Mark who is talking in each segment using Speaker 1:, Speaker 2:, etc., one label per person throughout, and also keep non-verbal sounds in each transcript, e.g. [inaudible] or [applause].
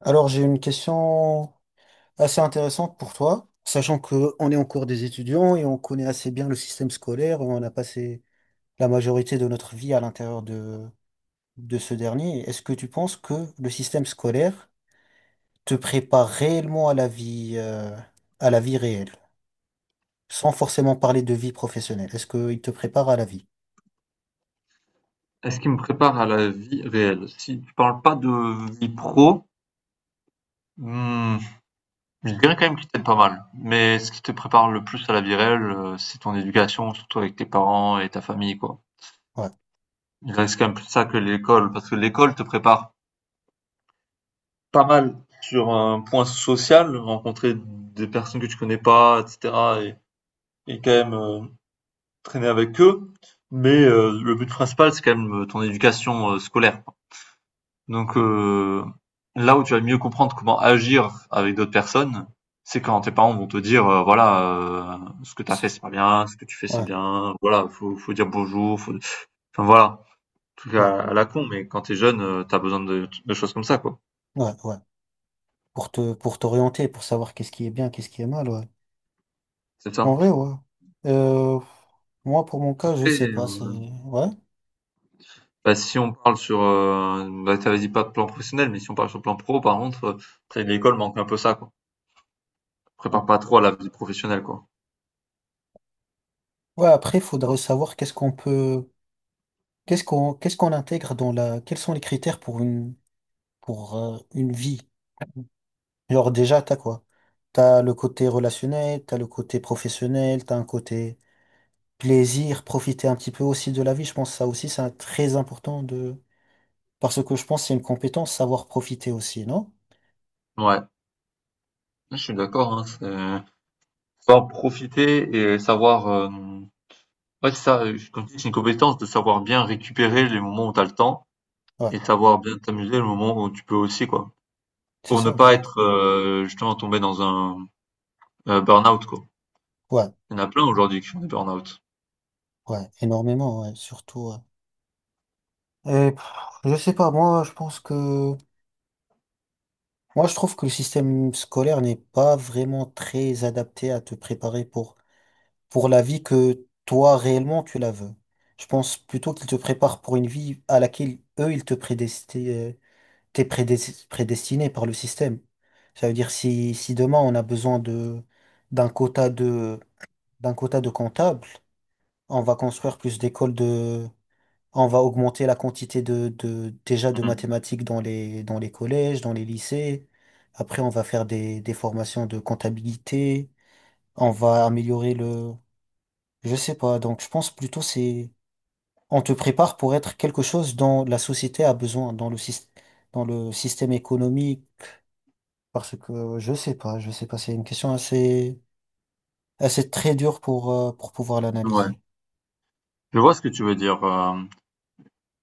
Speaker 1: Alors, j'ai une question assez intéressante pour toi, sachant qu'on est en cours des étudiants et on connaît assez bien le système scolaire, on a passé la majorité de notre vie à l'intérieur de ce dernier. Est-ce que tu penses que le système scolaire te prépare réellement à la vie réelle, sans forcément parler de vie professionnelle? Est-ce qu'il te prépare à la vie?
Speaker 2: Est-ce qui me prépare à la vie réelle? Si tu parles pas de vie pro, hmm, je dirais quand même qu'il t'aide pas mal. Mais ce qui te prépare le plus à la vie réelle, c'est ton éducation, surtout avec tes parents et ta famille, quoi.
Speaker 1: Ouais,
Speaker 2: Il reste quand même plus ça que l'école, parce que l'école te prépare pas mal sur un point social, rencontrer des personnes que tu connais pas, etc. et quand même traîner avec eux. Mais le but principal, c'est quand même ton éducation scolaire. Donc là où tu vas mieux comprendre comment agir avec d'autres personnes, c'est quand tes parents vont te dire voilà ce que t'as fait c'est pas bien, ce que tu fais c'est
Speaker 1: ouais,
Speaker 2: bien, voilà faut dire bonjour, enfin voilà tout
Speaker 1: ouais,
Speaker 2: cas à la con mais quand t'es jeune t'as besoin de choses comme ça quoi.
Speaker 1: ouais. Pour t'orienter, pour savoir qu'est-ce qui est bien, qu'est-ce qui est mal, ouais.
Speaker 2: C'est ça.
Speaker 1: En vrai, ouais. Euh, Moi, pour mon cas, je
Speaker 2: Après,
Speaker 1: sais pas. Ouais.
Speaker 2: bah, si on parle sur, bah, t'avais dit pas de plan professionnel, mais si on parle sur le plan pro, par contre, ça, l'école manque un peu ça, quoi.
Speaker 1: Mm.
Speaker 2: Prépare pas trop à la vie professionnelle, quoi.
Speaker 1: Ouais, après, il faudrait savoir qu'est-ce qu'on peut, qu'est-ce qu'on intègre dans quels sont les critères pour pour une vie. Genre déjà, t'as quoi? T'as le côté relationnel, t'as le côté professionnel, t'as un côté plaisir, profiter un petit peu aussi de la vie. Je pense que ça aussi, très important de, parce que je pense que c'est une compétence, savoir profiter aussi, non?
Speaker 2: Ouais, je suis d'accord, hein, faut profiter et savoir, ouais, c'est ça, comme tu dis, c'est une compétence de savoir bien récupérer les moments où tu as le temps
Speaker 1: Ouais,
Speaker 2: et de savoir bien t'amuser le moment où tu peux aussi, quoi.
Speaker 1: c'est
Speaker 2: Pour ne
Speaker 1: ça,
Speaker 2: pas
Speaker 1: ouais,
Speaker 2: être, justement tomber dans un, burn-out, quoi.
Speaker 1: ouais,
Speaker 2: Il y en a plein aujourd'hui qui font des burn-out.
Speaker 1: ouais, énormément, ouais, surtout. Ouais. Et, pff, je sais pas, moi je trouve que le système scolaire n'est pas vraiment très adapté à te préparer pour la vie que toi réellement tu la veux. Je pense plutôt qu'il te prépare pour une vie à laquelle eux ils te prédestinaient, prédestiné par le système. Ça veut dire si demain on a besoin de d'un quota de d'un quota de comptables, on va construire plus d'écoles. On va augmenter la quantité de déjà de
Speaker 2: Mmh.
Speaker 1: mathématiques dans les collèges, dans les lycées. Après, on va faire des formations de comptabilité. On va améliorer le, je sais pas. Donc, je pense plutôt c'est on te prépare pour être quelque chose dont la société a besoin dans le système économique. Parce que je sais pas. C'est une question assez très dure pour pouvoir
Speaker 2: Ouais,
Speaker 1: l'analyser.
Speaker 2: je vois ce que tu veux dire,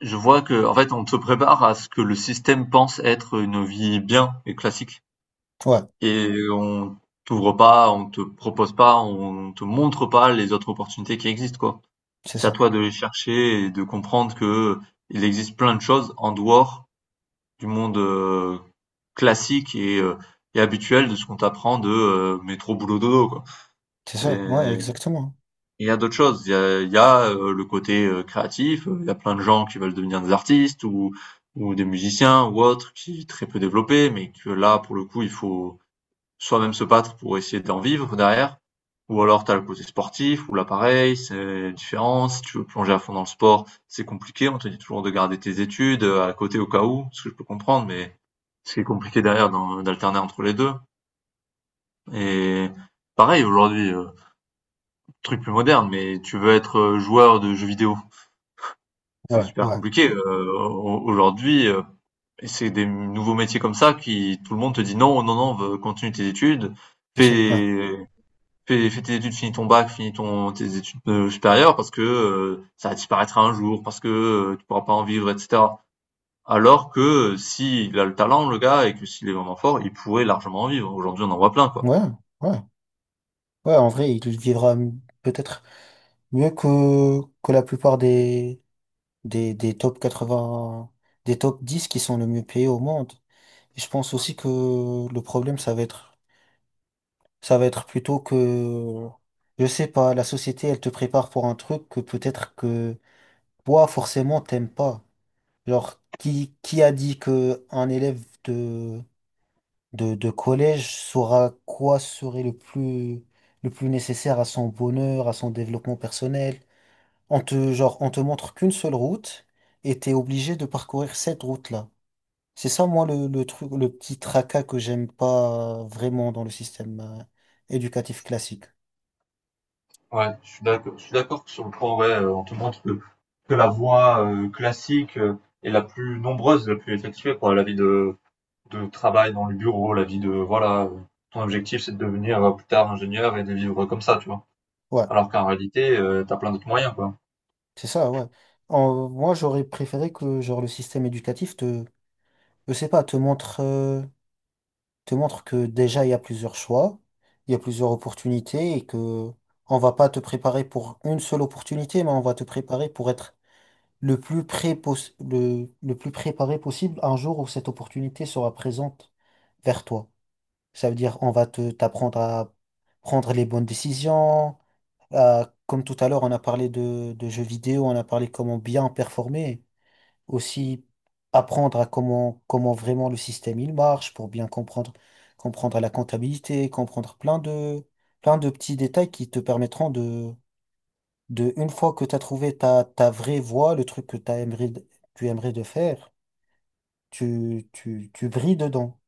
Speaker 2: je vois que en fait, on se prépare à ce que le système pense être une vie bien et classique
Speaker 1: Ouais,
Speaker 2: et on t'ouvre pas, on te propose pas, on te montre pas les autres opportunités qui existent, quoi.
Speaker 1: c'est
Speaker 2: C'est à
Speaker 1: ça,
Speaker 2: toi de les chercher et de comprendre que il existe plein de choses en dehors du monde classique et habituel de ce qu'on t'apprend de métro boulot dodo quoi.
Speaker 1: c'est ça. Ouais,
Speaker 2: C'est-
Speaker 1: exactement.
Speaker 2: Il y a d'autres choses. Il y a, le côté créatif. Il y a plein de gens qui veulent devenir des artistes ou des musiciens ou autres qui est très peu développés, mais que là pour le coup il faut soit même se battre pour essayer d'en vivre derrière. Ou alors tu as le côté sportif, ou l'appareil c'est différent. Si tu veux plonger à fond dans le sport, c'est compliqué. On te dit toujours de garder tes études à côté au cas où, ce que je peux comprendre, mais ce qui est compliqué derrière d'alterner entre les deux. Et pareil, aujourd'hui, truc plus moderne, mais tu veux être joueur de jeux vidéo. C'est
Speaker 1: Ouais,
Speaker 2: super
Speaker 1: ouais,
Speaker 2: compliqué. Aujourd'hui, c'est des nouveaux métiers comme ça qui tout le monde te dit non, non, non, continue tes études,
Speaker 1: c'est ça. Ouais,
Speaker 2: fais fais tes études, finis ton bac, finis tes études supérieures parce que ça disparaîtra un jour, parce que tu pourras pas en vivre, etc. Alors que s'il a le talent, le gars, et que s'il est vraiment fort, il pourrait largement en vivre. Aujourd'hui, on en voit plein, quoi.
Speaker 1: ouais, ouais. Ouais, en vrai, peut-être mieux que la plupart des top 80, des top 10 qui sont le mieux payés au monde. Et je pense aussi que le problème, ça va être plutôt je sais pas, la société, elle te prépare pour un truc que peut-être que toi, forcément, t'aimes pas. Genre, qui a dit que un élève de, de collège saura quoi serait le plus nécessaire à son bonheur, à son développement personnel? On on te montre qu'une seule route et t'es obligé de parcourir cette route-là. C'est ça, moi, le truc, le petit tracas que j'aime pas vraiment dans le système éducatif classique.
Speaker 2: Ouais, je suis d'accord que sur le point, ouais, on te montre que la voie classique est la plus nombreuse, la plus effectuée, quoi. La vie de travail dans le bureau, la vie de, voilà, ton objectif c'est de devenir plus tard ingénieur et de vivre comme ça, tu vois.
Speaker 1: Ouais,
Speaker 2: Alors qu'en réalité, t'as plein d'autres moyens, quoi.
Speaker 1: c'est ça, ouais. Moi, j'aurais préféré que, genre, le système éducatif te, je sais pas, te montre que déjà, il y a plusieurs choix, il y a plusieurs opportunités et que on va pas te préparer pour une seule opportunité, mais on va te préparer pour être le plus préparé possible un jour où cette opportunité sera présente vers toi. Ça veut dire on va te t'apprendre à prendre les bonnes décisions. Comme tout à l'heure, on a parlé de jeux vidéo, on a parlé comment bien performer. Aussi apprendre à comment vraiment le système il marche pour bien comprendre, comprendre la comptabilité, comprendre plein de petits détails qui te permettront de une fois que tu as trouvé ta vraie voie, le truc que t'as aimerais, de- tu aimerais de faire, tu brilles dedans.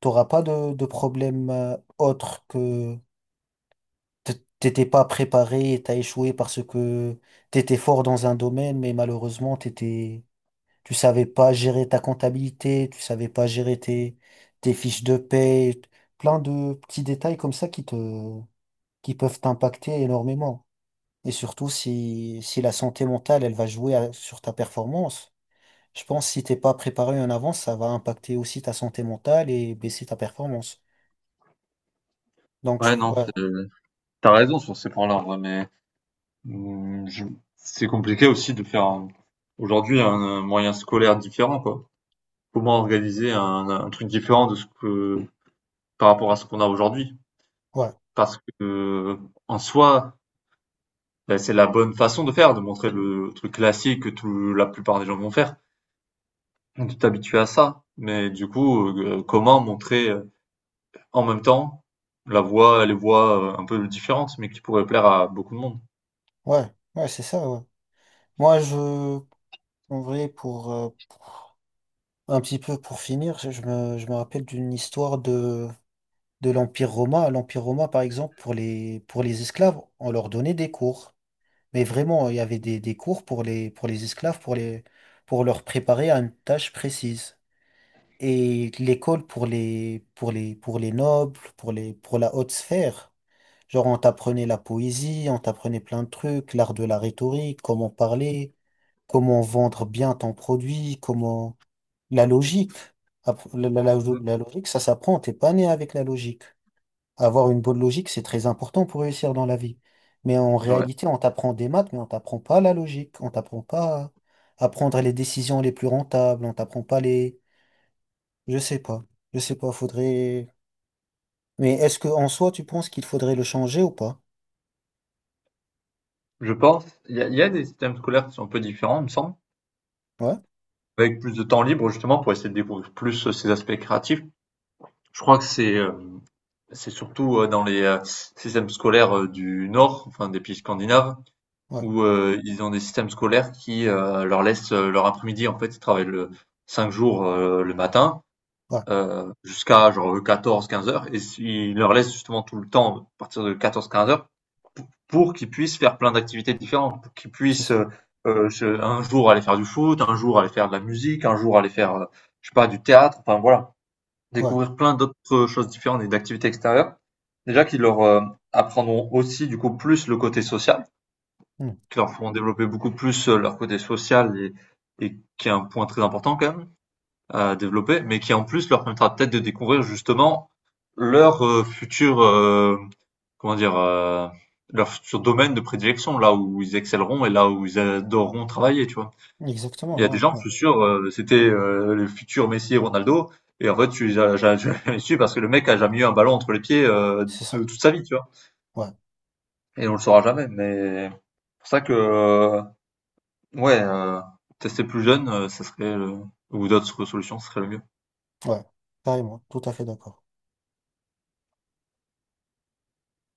Speaker 1: T'auras pas de problème autre que t- t'étais pas préparé, t'as échoué parce que t'étais fort dans un domaine, mais malheureusement t'étais, tu savais pas gérer ta comptabilité, tu savais pas gérer tes fiches de paie, plein de petits détails comme ça qui peuvent t'impacter énormément. Et surtout, si la santé mentale, elle va jouer à- sur ta performance, je pense que si t'es pas préparé en avance, ça va impacter aussi ta santé mentale et baisser ta performance.
Speaker 2: Ouais, non,
Speaker 1: Ouais,
Speaker 2: c'est tu raison sur ces points-là, en vrai, mais, mmh, je c'est compliqué aussi de faire un aujourd'hui un moyen scolaire différent, quoi. Comment organiser un truc différent de ce que par rapport à ce qu'on a aujourd'hui?
Speaker 1: ouais,
Speaker 2: Parce que, en soi, bah, c'est la bonne façon de faire, de montrer le truc classique que tout la plupart des gens vont faire, de t'habituer à ça. Mais du coup, comment montrer, en même temps, la voie les voies, un peu différentes, mais qui pourraient plaire à beaucoup de monde?
Speaker 1: ouais, ouais, c'est ça, ouais. Moi, en vrai, pour, un petit peu pour finir, je me rappelle d'une histoire de l'Empire romain. L'Empire romain, par exemple, pour les esclaves, on leur donnait des cours. Mais vraiment, il y avait des cours pour les esclaves, pour leur préparer à une tâche précise. Et l'école pour les nobles, pour la haute sphère. Genre, on t'apprenait la poésie, on t'apprenait plein de trucs, l'art de la rhétorique, comment parler, comment vendre bien ton produit, comment, la logique.
Speaker 2: Mmh.
Speaker 1: La logique, ça s'apprend, t'es pas né avec la logique. Avoir une bonne logique, c'est très important pour réussir dans la vie. Mais en
Speaker 2: Ouais.
Speaker 1: réalité, on t'apprend des maths, mais on t'apprend pas la logique, on t'apprend pas à prendre les décisions les plus rentables, on t'apprend pas les, je sais pas. Je sais pas, faudrait. Mais est-ce que en soi, tu penses qu'il faudrait le changer ou pas?
Speaker 2: Je pense, il y a des systèmes scolaires qui sont un peu différents, il me semble,
Speaker 1: Ouais,
Speaker 2: avec plus de temps libre justement pour essayer de découvrir plus ces aspects créatifs. Je crois que c'est surtout dans les systèmes scolaires du Nord, enfin des pays scandinaves,
Speaker 1: ouais,
Speaker 2: où ils ont des systèmes scolaires qui leur laissent leur après-midi. En fait, ils travaillent 5 jours le matin
Speaker 1: ouais,
Speaker 2: jusqu'à genre 14-15 heures et si, il leur laisse justement tout le temps à partir de 14-15 heures pour, qu'ils puissent faire plein d'activités différentes, pour qu'ils
Speaker 1: c'est
Speaker 2: puissent
Speaker 1: ça.
Speaker 2: euh, un jour aller faire du foot, un jour aller faire de la musique, un jour aller faire je sais pas du théâtre, enfin voilà,
Speaker 1: Ouais,
Speaker 2: découvrir plein d'autres choses différentes et d'activités extérieures. Déjà qu'ils leur apprendront aussi du coup plus le côté social,
Speaker 1: hmm,
Speaker 2: qui leur feront développer beaucoup plus leur côté social et qui est un point très important quand même à développer, mais qui en plus leur permettra peut-être de découvrir justement leur futur, comment dire, leur futur domaine de prédilection, là où ils excelleront et là où ils adoreront travailler, tu vois.
Speaker 1: exactement,
Speaker 2: Il y a des
Speaker 1: ouais,
Speaker 2: gens,
Speaker 1: ouais,
Speaker 2: je suis sûr, c'était les futurs Messi et Ronaldo, et en fait, tu les as [laughs] jamais su parce que le mec a jamais eu un ballon entre les pieds
Speaker 1: c'est
Speaker 2: de
Speaker 1: ça.
Speaker 2: toute sa vie, tu vois.
Speaker 1: Ouais,
Speaker 2: Et on le saura jamais, mais c'est pour ça que, ouais, tester plus jeune, ça serait, ou d'autres solutions, ce serait le mieux.
Speaker 1: ouais, carrément, tout à fait d'accord.